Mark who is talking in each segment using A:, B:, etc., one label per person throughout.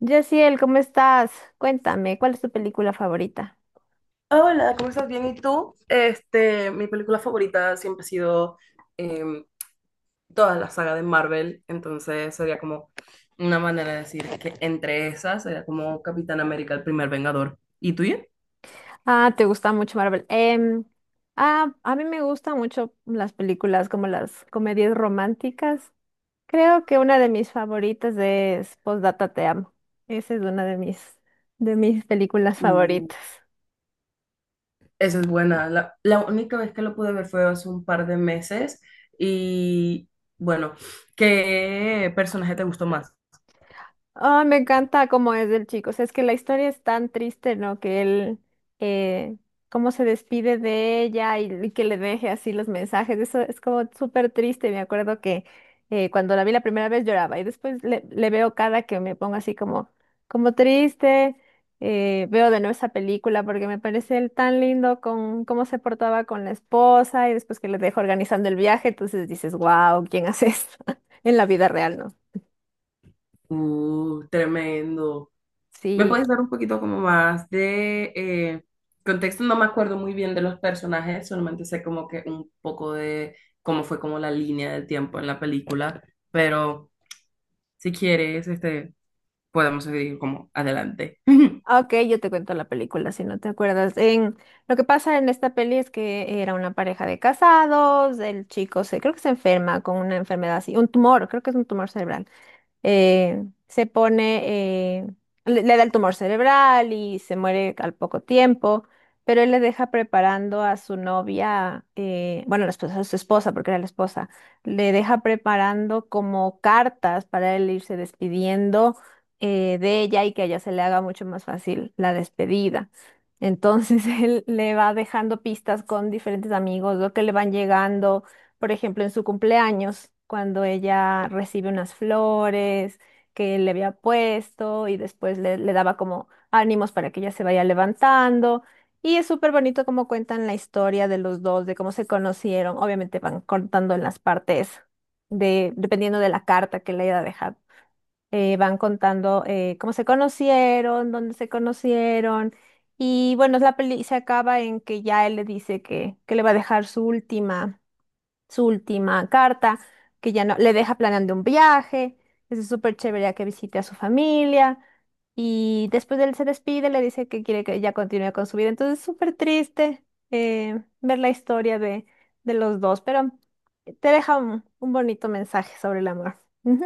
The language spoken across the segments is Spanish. A: Yaciel, ¿cómo estás? Cuéntame, ¿cuál es tu película favorita?
B: Ah, hola, ¿cómo estás? Bien, ¿y tú? Mi película favorita siempre ha sido em, toda la saga de Marvel, entonces sería como una manera de decir que entre esas sería como Capitán América, el primer Vengador. ¿Y tuya?
A: Ah, te gusta mucho Marvel. Ah, a mí me gustan mucho las películas como las comedias románticas. Creo que una de mis favoritas es Postdata Te Amo. Esa es una de mis películas
B: Uh,
A: favoritas.
B: esa es buena. La única vez que lo pude ver fue hace un par de meses y bueno, ¿qué personaje te gustó más?
A: Ah, me encanta cómo es el chico. O sea, es que la historia es tan triste, ¿no? Que él, eh, cómo se despide de ella y que le deje así los mensajes. Eso es como súper triste. Me acuerdo que cuando la vi la primera vez lloraba y después le veo cada que me pongo así como triste. Veo de nuevo esa película porque me parece él tan lindo con cómo se portaba con la esposa y después que le dejó organizando el viaje. Entonces dices, wow, ¿quién hace esto en la vida real, ¿no?
B: Tremendo. ¿Me
A: Sí.
B: puedes dar un poquito como más de contexto? No me acuerdo muy bien de los personajes, solamente sé como que un poco de cómo fue como la línea del tiempo en la película, pero si quieres, podemos seguir como adelante.
A: Ah, Ok, yo te cuento la película si no te acuerdas. Lo que pasa en esta peli es que era una pareja de casados, el chico creo que se enferma con una enfermedad así, un tumor, creo que es un tumor cerebral se pone, le da el tumor cerebral y se muere al poco tiempo, pero él le deja preparando a su novia, bueno, la esposa, a su esposa, porque era la esposa, le deja preparando como cartas para él irse despidiendo de ella y que a ella se le haga mucho más fácil la despedida. Entonces él le va dejando pistas con diferentes amigos, lo que le van llegando por ejemplo, en su cumpleaños, cuando ella recibe unas flores que él le había puesto y después le daba como ánimos para que ella se vaya levantando. Y es súper bonito cómo cuentan la historia de los dos, de cómo se conocieron. Obviamente van contando en las partes dependiendo de la carta que le haya dejado. Van contando cómo se conocieron, dónde se conocieron. Y bueno, la peli se acaba en que ya él le dice que le va a dejar su última carta, que ya no le deja planeando un viaje, es súper chévere ya que visite a su familia y después él se despide, le dice que quiere que ella continúe con su vida. Entonces es súper triste ver la historia de los dos, pero te deja un bonito mensaje sobre el amor. Ujú.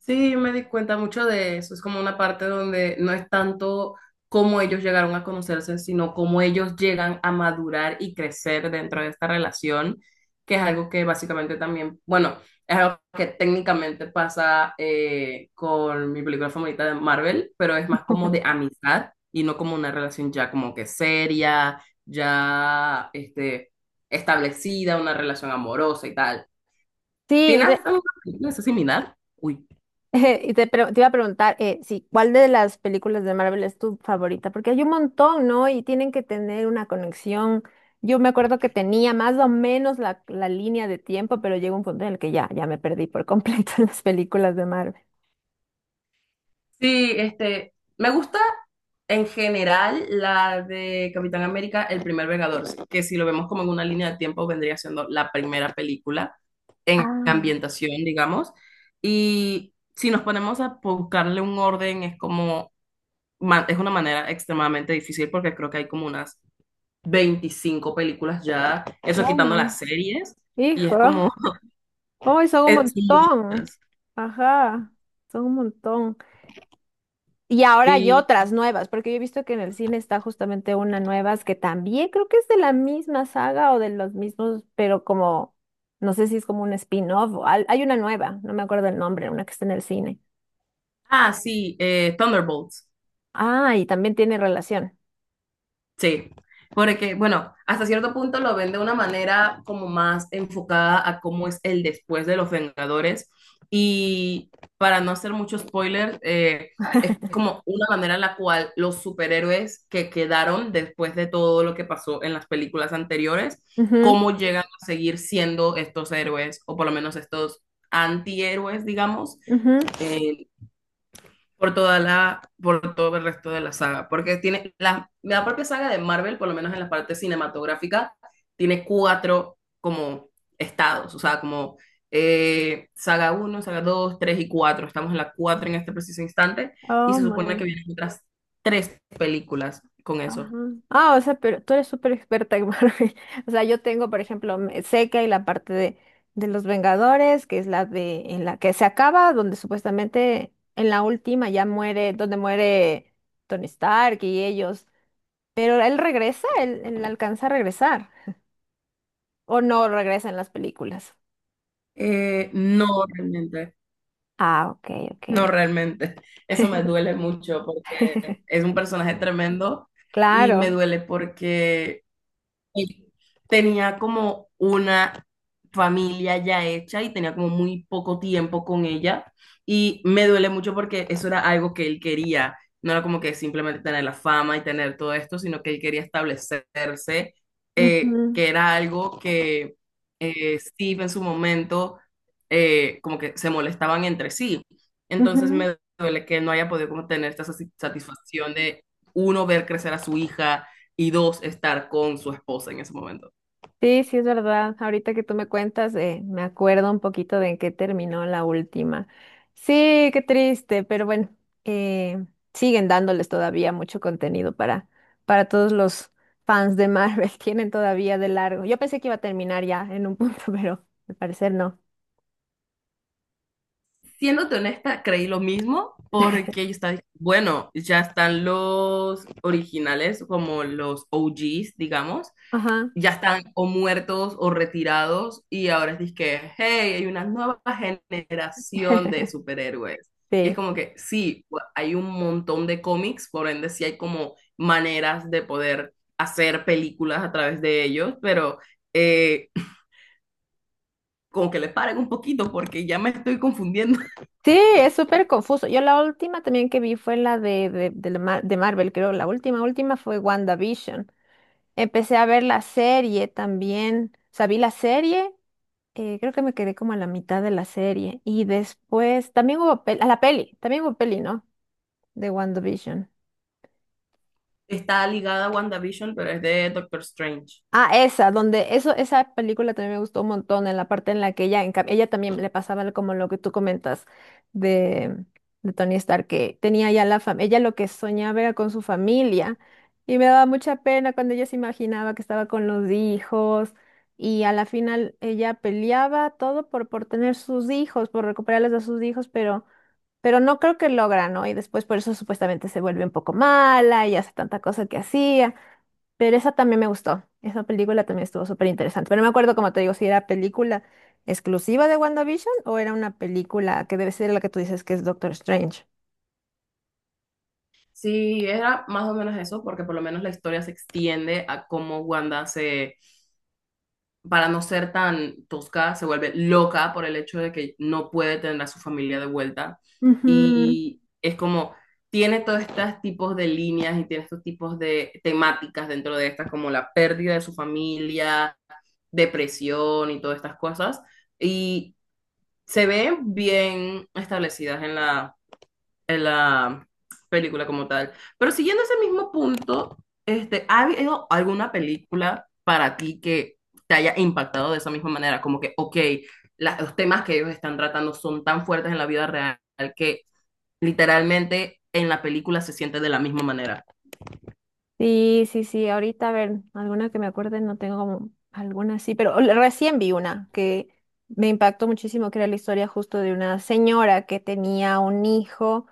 B: Sí, yo me di cuenta mucho de eso. Es como una parte donde no es tanto cómo ellos llegaron a conocerse, sino cómo ellos llegan a madurar y crecer dentro de esta relación, que es algo que básicamente también, bueno, es algo que técnicamente pasa con mi película favorita de Marvel, pero es más como de amistad y no como una relación ya como que seria, ya establecida, una relación amorosa y tal.
A: Sí.
B: ¿Tienes alguna película así similar? Uy.
A: Y te iba a preguntar, sí, ¿cuál de las películas de Marvel es tu favorita? Porque hay un montón, ¿no? Y tienen que tener una conexión. Yo me acuerdo que tenía más o menos la línea de tiempo, pero llegó un punto en el que ya me perdí por completo en las películas de Marvel.
B: Sí, me gusta en general la de Capitán América, el primer Vengador, sí, que si lo vemos como en una línea de tiempo vendría siendo la primera película en
A: Ah,
B: ambientación, digamos. Y si nos ponemos a buscarle un orden, es como, es una manera extremadamente difícil porque creo que hay como unas 25 películas ya, eso quitando
A: toma,
B: las series, y es
A: hijo.
B: como,
A: Hoy son un
B: es son
A: montón.
B: muchas.
A: Ajá, son un montón. Y ahora hay
B: Sí.
A: otras nuevas, porque yo he visto que en el cine está justamente una nueva que también creo que es de la misma saga o de los mismos, pero como, no sé si es como un spin-off o al- hay una nueva, no me acuerdo el nombre, una que está en el cine.
B: Ah, sí, Thunderbolts.
A: Ah, y también tiene relación.
B: Sí, porque bueno, hasta cierto punto lo ven de una manera como más enfocada a cómo es el después de los Vengadores y para no hacer mucho spoiler, es como una manera en la cual los superhéroes que quedaron después de todo lo que pasó en las películas anteriores,
A: Ujú,
B: cómo llegan a seguir siendo estos héroes o por lo menos estos antihéroes, digamos,
A: ujú.
B: eh, por toda por todo el resto de la saga, porque tiene la propia saga de Marvel, por lo menos en la parte cinematográfica, tiene cuatro como estados, o sea, como saga uno, saga dos, 3 y cuatro, estamos en la 4 en este preciso instante, y
A: Oh
B: se supone
A: my.
B: que vienen otras tres películas con
A: Ajá.
B: eso.
A: Ah, o sea, pero tú eres súper experta en Marvel. O sea, yo tengo, por ejemplo, sé que hay la parte de los Vengadores, que es la de, en la que se acaba, donde supuestamente en la última ya muere, donde muere Tony Stark y ellos. Pero él regresa, él alcanza a regresar. O no regresa en las películas.
B: No realmente,
A: Ah, ok,
B: no
A: ok.
B: realmente, Eso me duele mucho porque es un personaje tremendo y me
A: Claro.
B: duele porque él tenía como una familia ya hecha y tenía como muy poco tiempo con ella. Y me duele mucho porque eso era algo que él quería. No era como que simplemente tener la fama y tener todo esto, sino que él quería establecerse,
A: Ujú,
B: que era algo que Steve en su momento, como que se molestaban entre sí. Entonces
A: ujú.
B: me duele que él no haya podido como tener esta satisfacción de uno, ver crecer a su hija, y dos, estar con su esposa en ese momento.
A: Sí, sí, es verdad. Ahorita que tú me cuentas, me acuerdo un poquito de en qué terminó la última. Sí, qué triste, pero bueno, eh, siguen dándoles todavía mucho contenido para todos los fans de Marvel. Tienen todavía de largo. Yo pensé que iba a terminar ya en un punto, pero al parecer no.
B: Siéndote honesta, creí lo mismo porque yo estaba, bueno, ya están los originales, como los OGs, digamos,
A: Ajá.
B: ya están o muertos o retirados y ahora es que, hey, hay una nueva generación de superhéroes. Y es
A: Sí.
B: como que sí, pues, hay un montón de cómics, por ende sí hay como maneras de poder hacer películas a través de ellos, pero eh, como que le paren un poquito porque ya me estoy confundiendo.
A: Sí, es súper confuso. Yo la última también que vi fue la de Marvel, creo. La última, última fue WandaVision. Empecé a ver la serie también. O sea, vi la serie, creo que me quedé como a la mitad de la serie. Y después también hubo peli, a la peli, también hubo peli, ¿no? De WandaVision.
B: Está ligada a WandaVision, pero es de Doctor Strange.
A: Ah, esa, donde eso, esa película también me gustó un montón, en la parte en la que ella, ella también le pasaba como lo que tú comentas de, de Tony Stark, que tenía ya la familia, ella lo que soñaba era con su familia, y me daba mucha pena cuando ella se imaginaba que estaba con los hijos, y a la final ella peleaba todo por tener sus hijos, por recuperarlos a sus hijos, pero no creo que logra, ¿no? Y después por eso supuestamente se vuelve un poco mala y hace tanta cosa que hacía. Pero esa también me gustó. Esa película también estuvo súper interesante. Pero no me acuerdo, como te digo, si era película exclusiva de WandaVision o era una película que debe ser la que tú dices que es Doctor Strange.
B: Sí, era más o menos eso, porque por lo menos la historia se extiende a cómo Wanda se, para no ser tan tosca, se vuelve loca por el hecho de que no puede tener a su familia de vuelta.
A: Ujú.
B: Y es como, tiene todos estos tipos de líneas y tiene estos tipos de temáticas dentro de estas, como la pérdida de su familia, depresión y todas estas cosas. Y se ven bien establecidas en en la película como tal. Pero siguiendo ese mismo punto, ¿ha habido alguna película para ti que te haya impactado de esa misma manera? Como que, ok, los temas que ellos están tratando son tan fuertes en la vida real que literalmente en la película se siente de la misma manera.
A: Sí, sí, sí. Ahorita, a ver, alguna que me acuerde, no tengo como alguna así, pero recién vi una que me impactó muchísimo, que era la historia justo de una señora que tenía un hijo,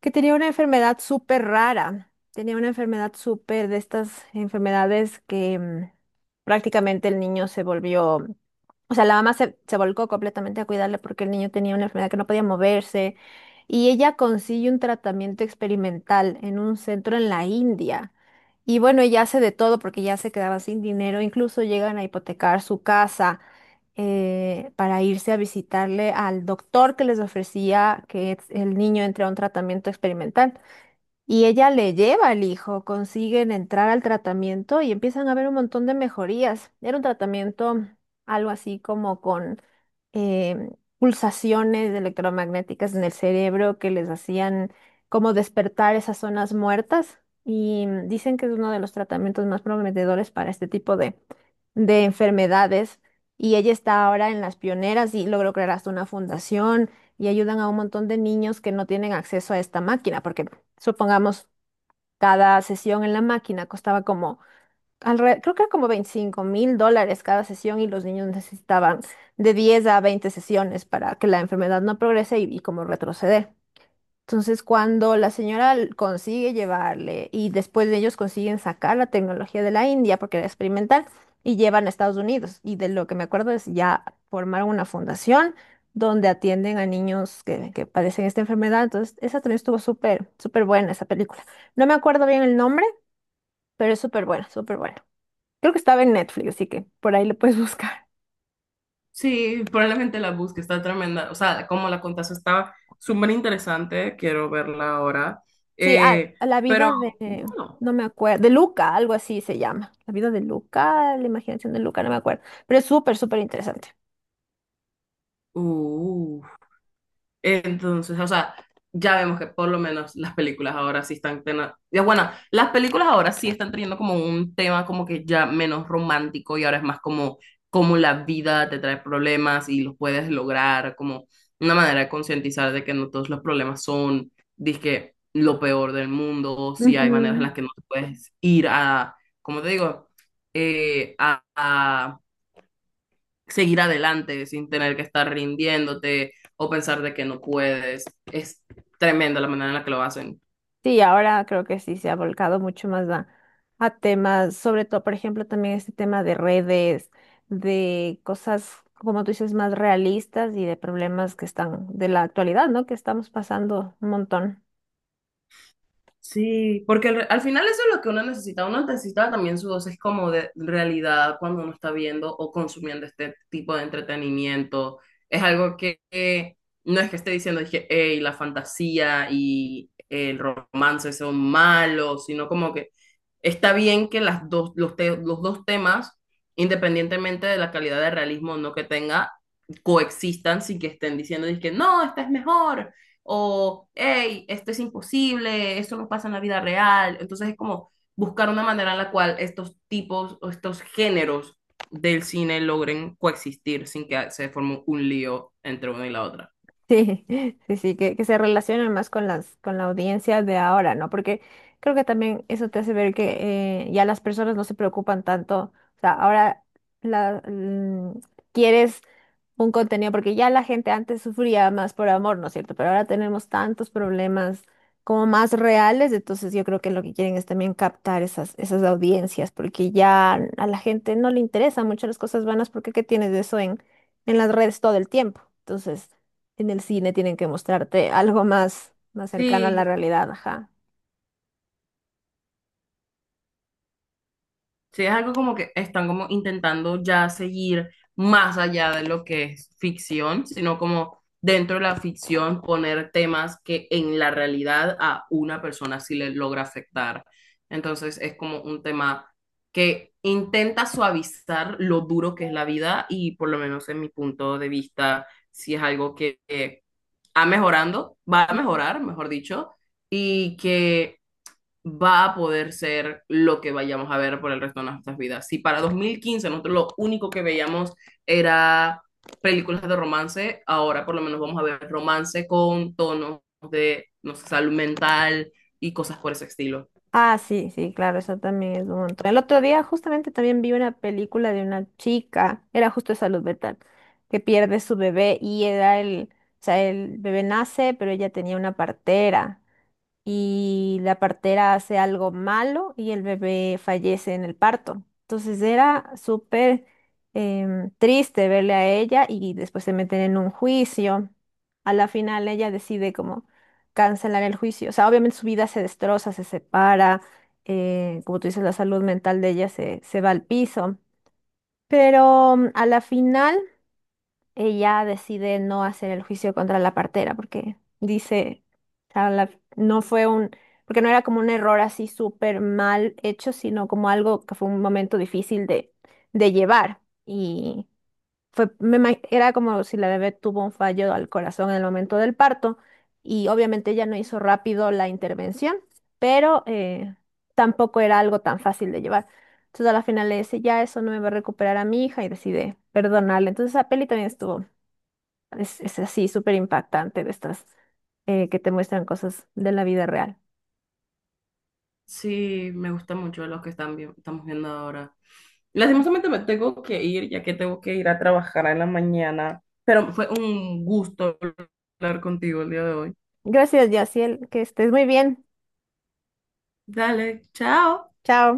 A: que tenía una enfermedad súper rara. Tenía una enfermedad súper de estas enfermedades que prácticamente el niño se volvió, o sea, la mamá se volcó completamente a cuidarle porque el niño tenía una enfermedad que no podía moverse y ella consigue un tratamiento experimental en un centro en la India. Y bueno, ella hace de todo porque ya se quedaba sin dinero, incluso llegan a hipotecar su casa para irse a visitarle al doctor que les ofrecía que el niño entre a un tratamiento experimental. Y ella le lleva al hijo, consiguen entrar al tratamiento y empiezan a ver un montón de mejorías. Era un tratamiento algo así como con em, pulsaciones electromagnéticas en el cerebro que les hacían como despertar esas zonas muertas. Y dicen que es uno de los tratamientos más prometedores para este tipo de enfermedades. Y ella está ahora en las pioneras y logró crear hasta una fundación y ayudan a un montón de niños que no tienen acceso a esta máquina, porque supongamos, cada sesión en la máquina costaba como, creo que era como 25 mil dólares cada sesión y los niños necesitaban de 10 a 20 sesiones para que la enfermedad no progrese y como retroceder. Entonces, cuando la señora consigue llevarle y después de ellos consiguen sacar la tecnología de la India porque era experimental y llevan a Estados Unidos. Y de lo que me acuerdo es ya formaron una fundación donde atienden a niños que padecen esta enfermedad. Entonces, esa también estuvo súper, súper buena esa película. No me acuerdo bien el nombre, pero es súper buena, súper buena. Creo que estaba en Netflix, así que por ahí lo puedes buscar.
B: Sí, probablemente la busque, está tremenda. O sea, como la contaste, estaba súper interesante. Quiero verla ahora.
A: Sí, ah,
B: Eh,
A: la
B: pero
A: vida de,
B: bueno.
A: no me acuerdo, de Luca, algo así se llama. La vida de Luca, la imaginación de Luca, no me acuerdo. Pero es súper, súper interesante.
B: Uh, entonces, o sea, ya vemos que por lo menos las películas ahora sí están ya bueno, las películas ahora sí están teniendo como un tema como que ya menos romántico y ahora es más como como la vida te trae problemas y los puedes lograr, como una manera de concientizar de que no todos los problemas son, dizque, lo peor del mundo, o si hay maneras en
A: Ujú.
B: las que no te puedes ir a, como te digo, eh, a, seguir adelante sin tener que estar rindiéndote o pensar de que no puedes. Es tremenda la manera en la que lo hacen.
A: Sí, ahora creo que sí se ha volcado mucho más a temas, sobre todo, por ejemplo, también este tema de redes, de cosas, como tú dices, más realistas y de problemas que están de la actualidad, ¿no? Que estamos pasando un montón.
B: Sí, porque al final eso es lo que uno necesita. Uno necesita también su dosis como de realidad cuando uno está viendo o consumiendo este tipo de entretenimiento. Es algo que no es que esté diciendo, dije, hey, la fantasía y el romance son malos, sino como que está bien que las dos, los dos temas, independientemente de la calidad de realismo o no que tenga, coexistan sin que estén diciendo, dije, no, esta es mejor o, hey, esto es imposible, esto no pasa en la vida real. Entonces es como buscar una manera en la cual estos tipos o estos géneros del cine logren coexistir sin que se forme un lío entre una y la otra.
A: Sí, sí, sí, que se relacionen más con la audiencia de ahora, ¿no? Porque creo que también eso te hace ver que ya las personas no se preocupan tanto. O sea, ahora la, mm, quieres un contenido, porque ya la gente antes sufría más por amor, ¿no es cierto? Pero ahora tenemos tantos problemas como más reales, entonces yo creo que lo que quieren es también captar esas audiencias, porque ya a la gente no le interesan mucho las cosas vanas, porque ¿qué tienes de eso en las redes todo el tiempo? Entonces... En el cine tienen que mostrarte algo más, más cercano a la
B: sí.
A: realidad, ajá.
B: Sí, es algo como que están como intentando ya seguir más allá de lo que es ficción, sino como dentro de la ficción poner temas que en la realidad a una persona sí le logra afectar. Entonces es como un tema que intenta suavizar lo duro que es la vida y por lo menos en mi punto de vista, sí es algo que va mejorando, va a mejorar, mejor dicho, y que va a poder ser lo que vayamos a ver por el resto de nuestras vidas. Si para 2015 nosotros lo único que veíamos era películas de romance, ahora por lo menos vamos a ver romance con tonos de, no sé, salud mental y cosas por ese estilo.
A: Ah, sí, sí, claro, eso también es un montón. El otro día justamente también vi una película de una chica, era justo de salud mental, que pierde su bebé y era el, o sea, el bebé nace, pero ella tenía una partera. Y la partera hace algo malo y el bebé fallece en el parto. Entonces era súper triste verle a ella y después se meten en un juicio. A la final ella decide como cancelar el juicio. O sea, obviamente su vida se destroza, se separa, como tú dices, la salud mental de ella se va al piso. Pero a la final ella decide no hacer el juicio contra la partera porque dice, o sea, no fue porque no era como un error así súper mal hecho, sino como algo que fue un momento difícil de llevar. Y era como si la bebé tuvo un fallo al corazón en el momento del parto y obviamente ella no hizo rápido la intervención, pero tampoco era algo tan fácil de llevar. Entonces a la final le dice, ya eso no me va a recuperar a mi hija y decide perdonarle. Entonces esa peli también estuvo es así, súper impactante de estas que te muestran cosas de la vida real.
B: Sí, me gusta mucho lo que están estamos viendo ahora. Lastimosamente me tengo que ir, ya que tengo que ir a trabajar en la mañana, pero fue un gusto hablar contigo el día de hoy.
A: Gracias, Yaciel, que estés muy bien.
B: Dale, chao.
A: Chao.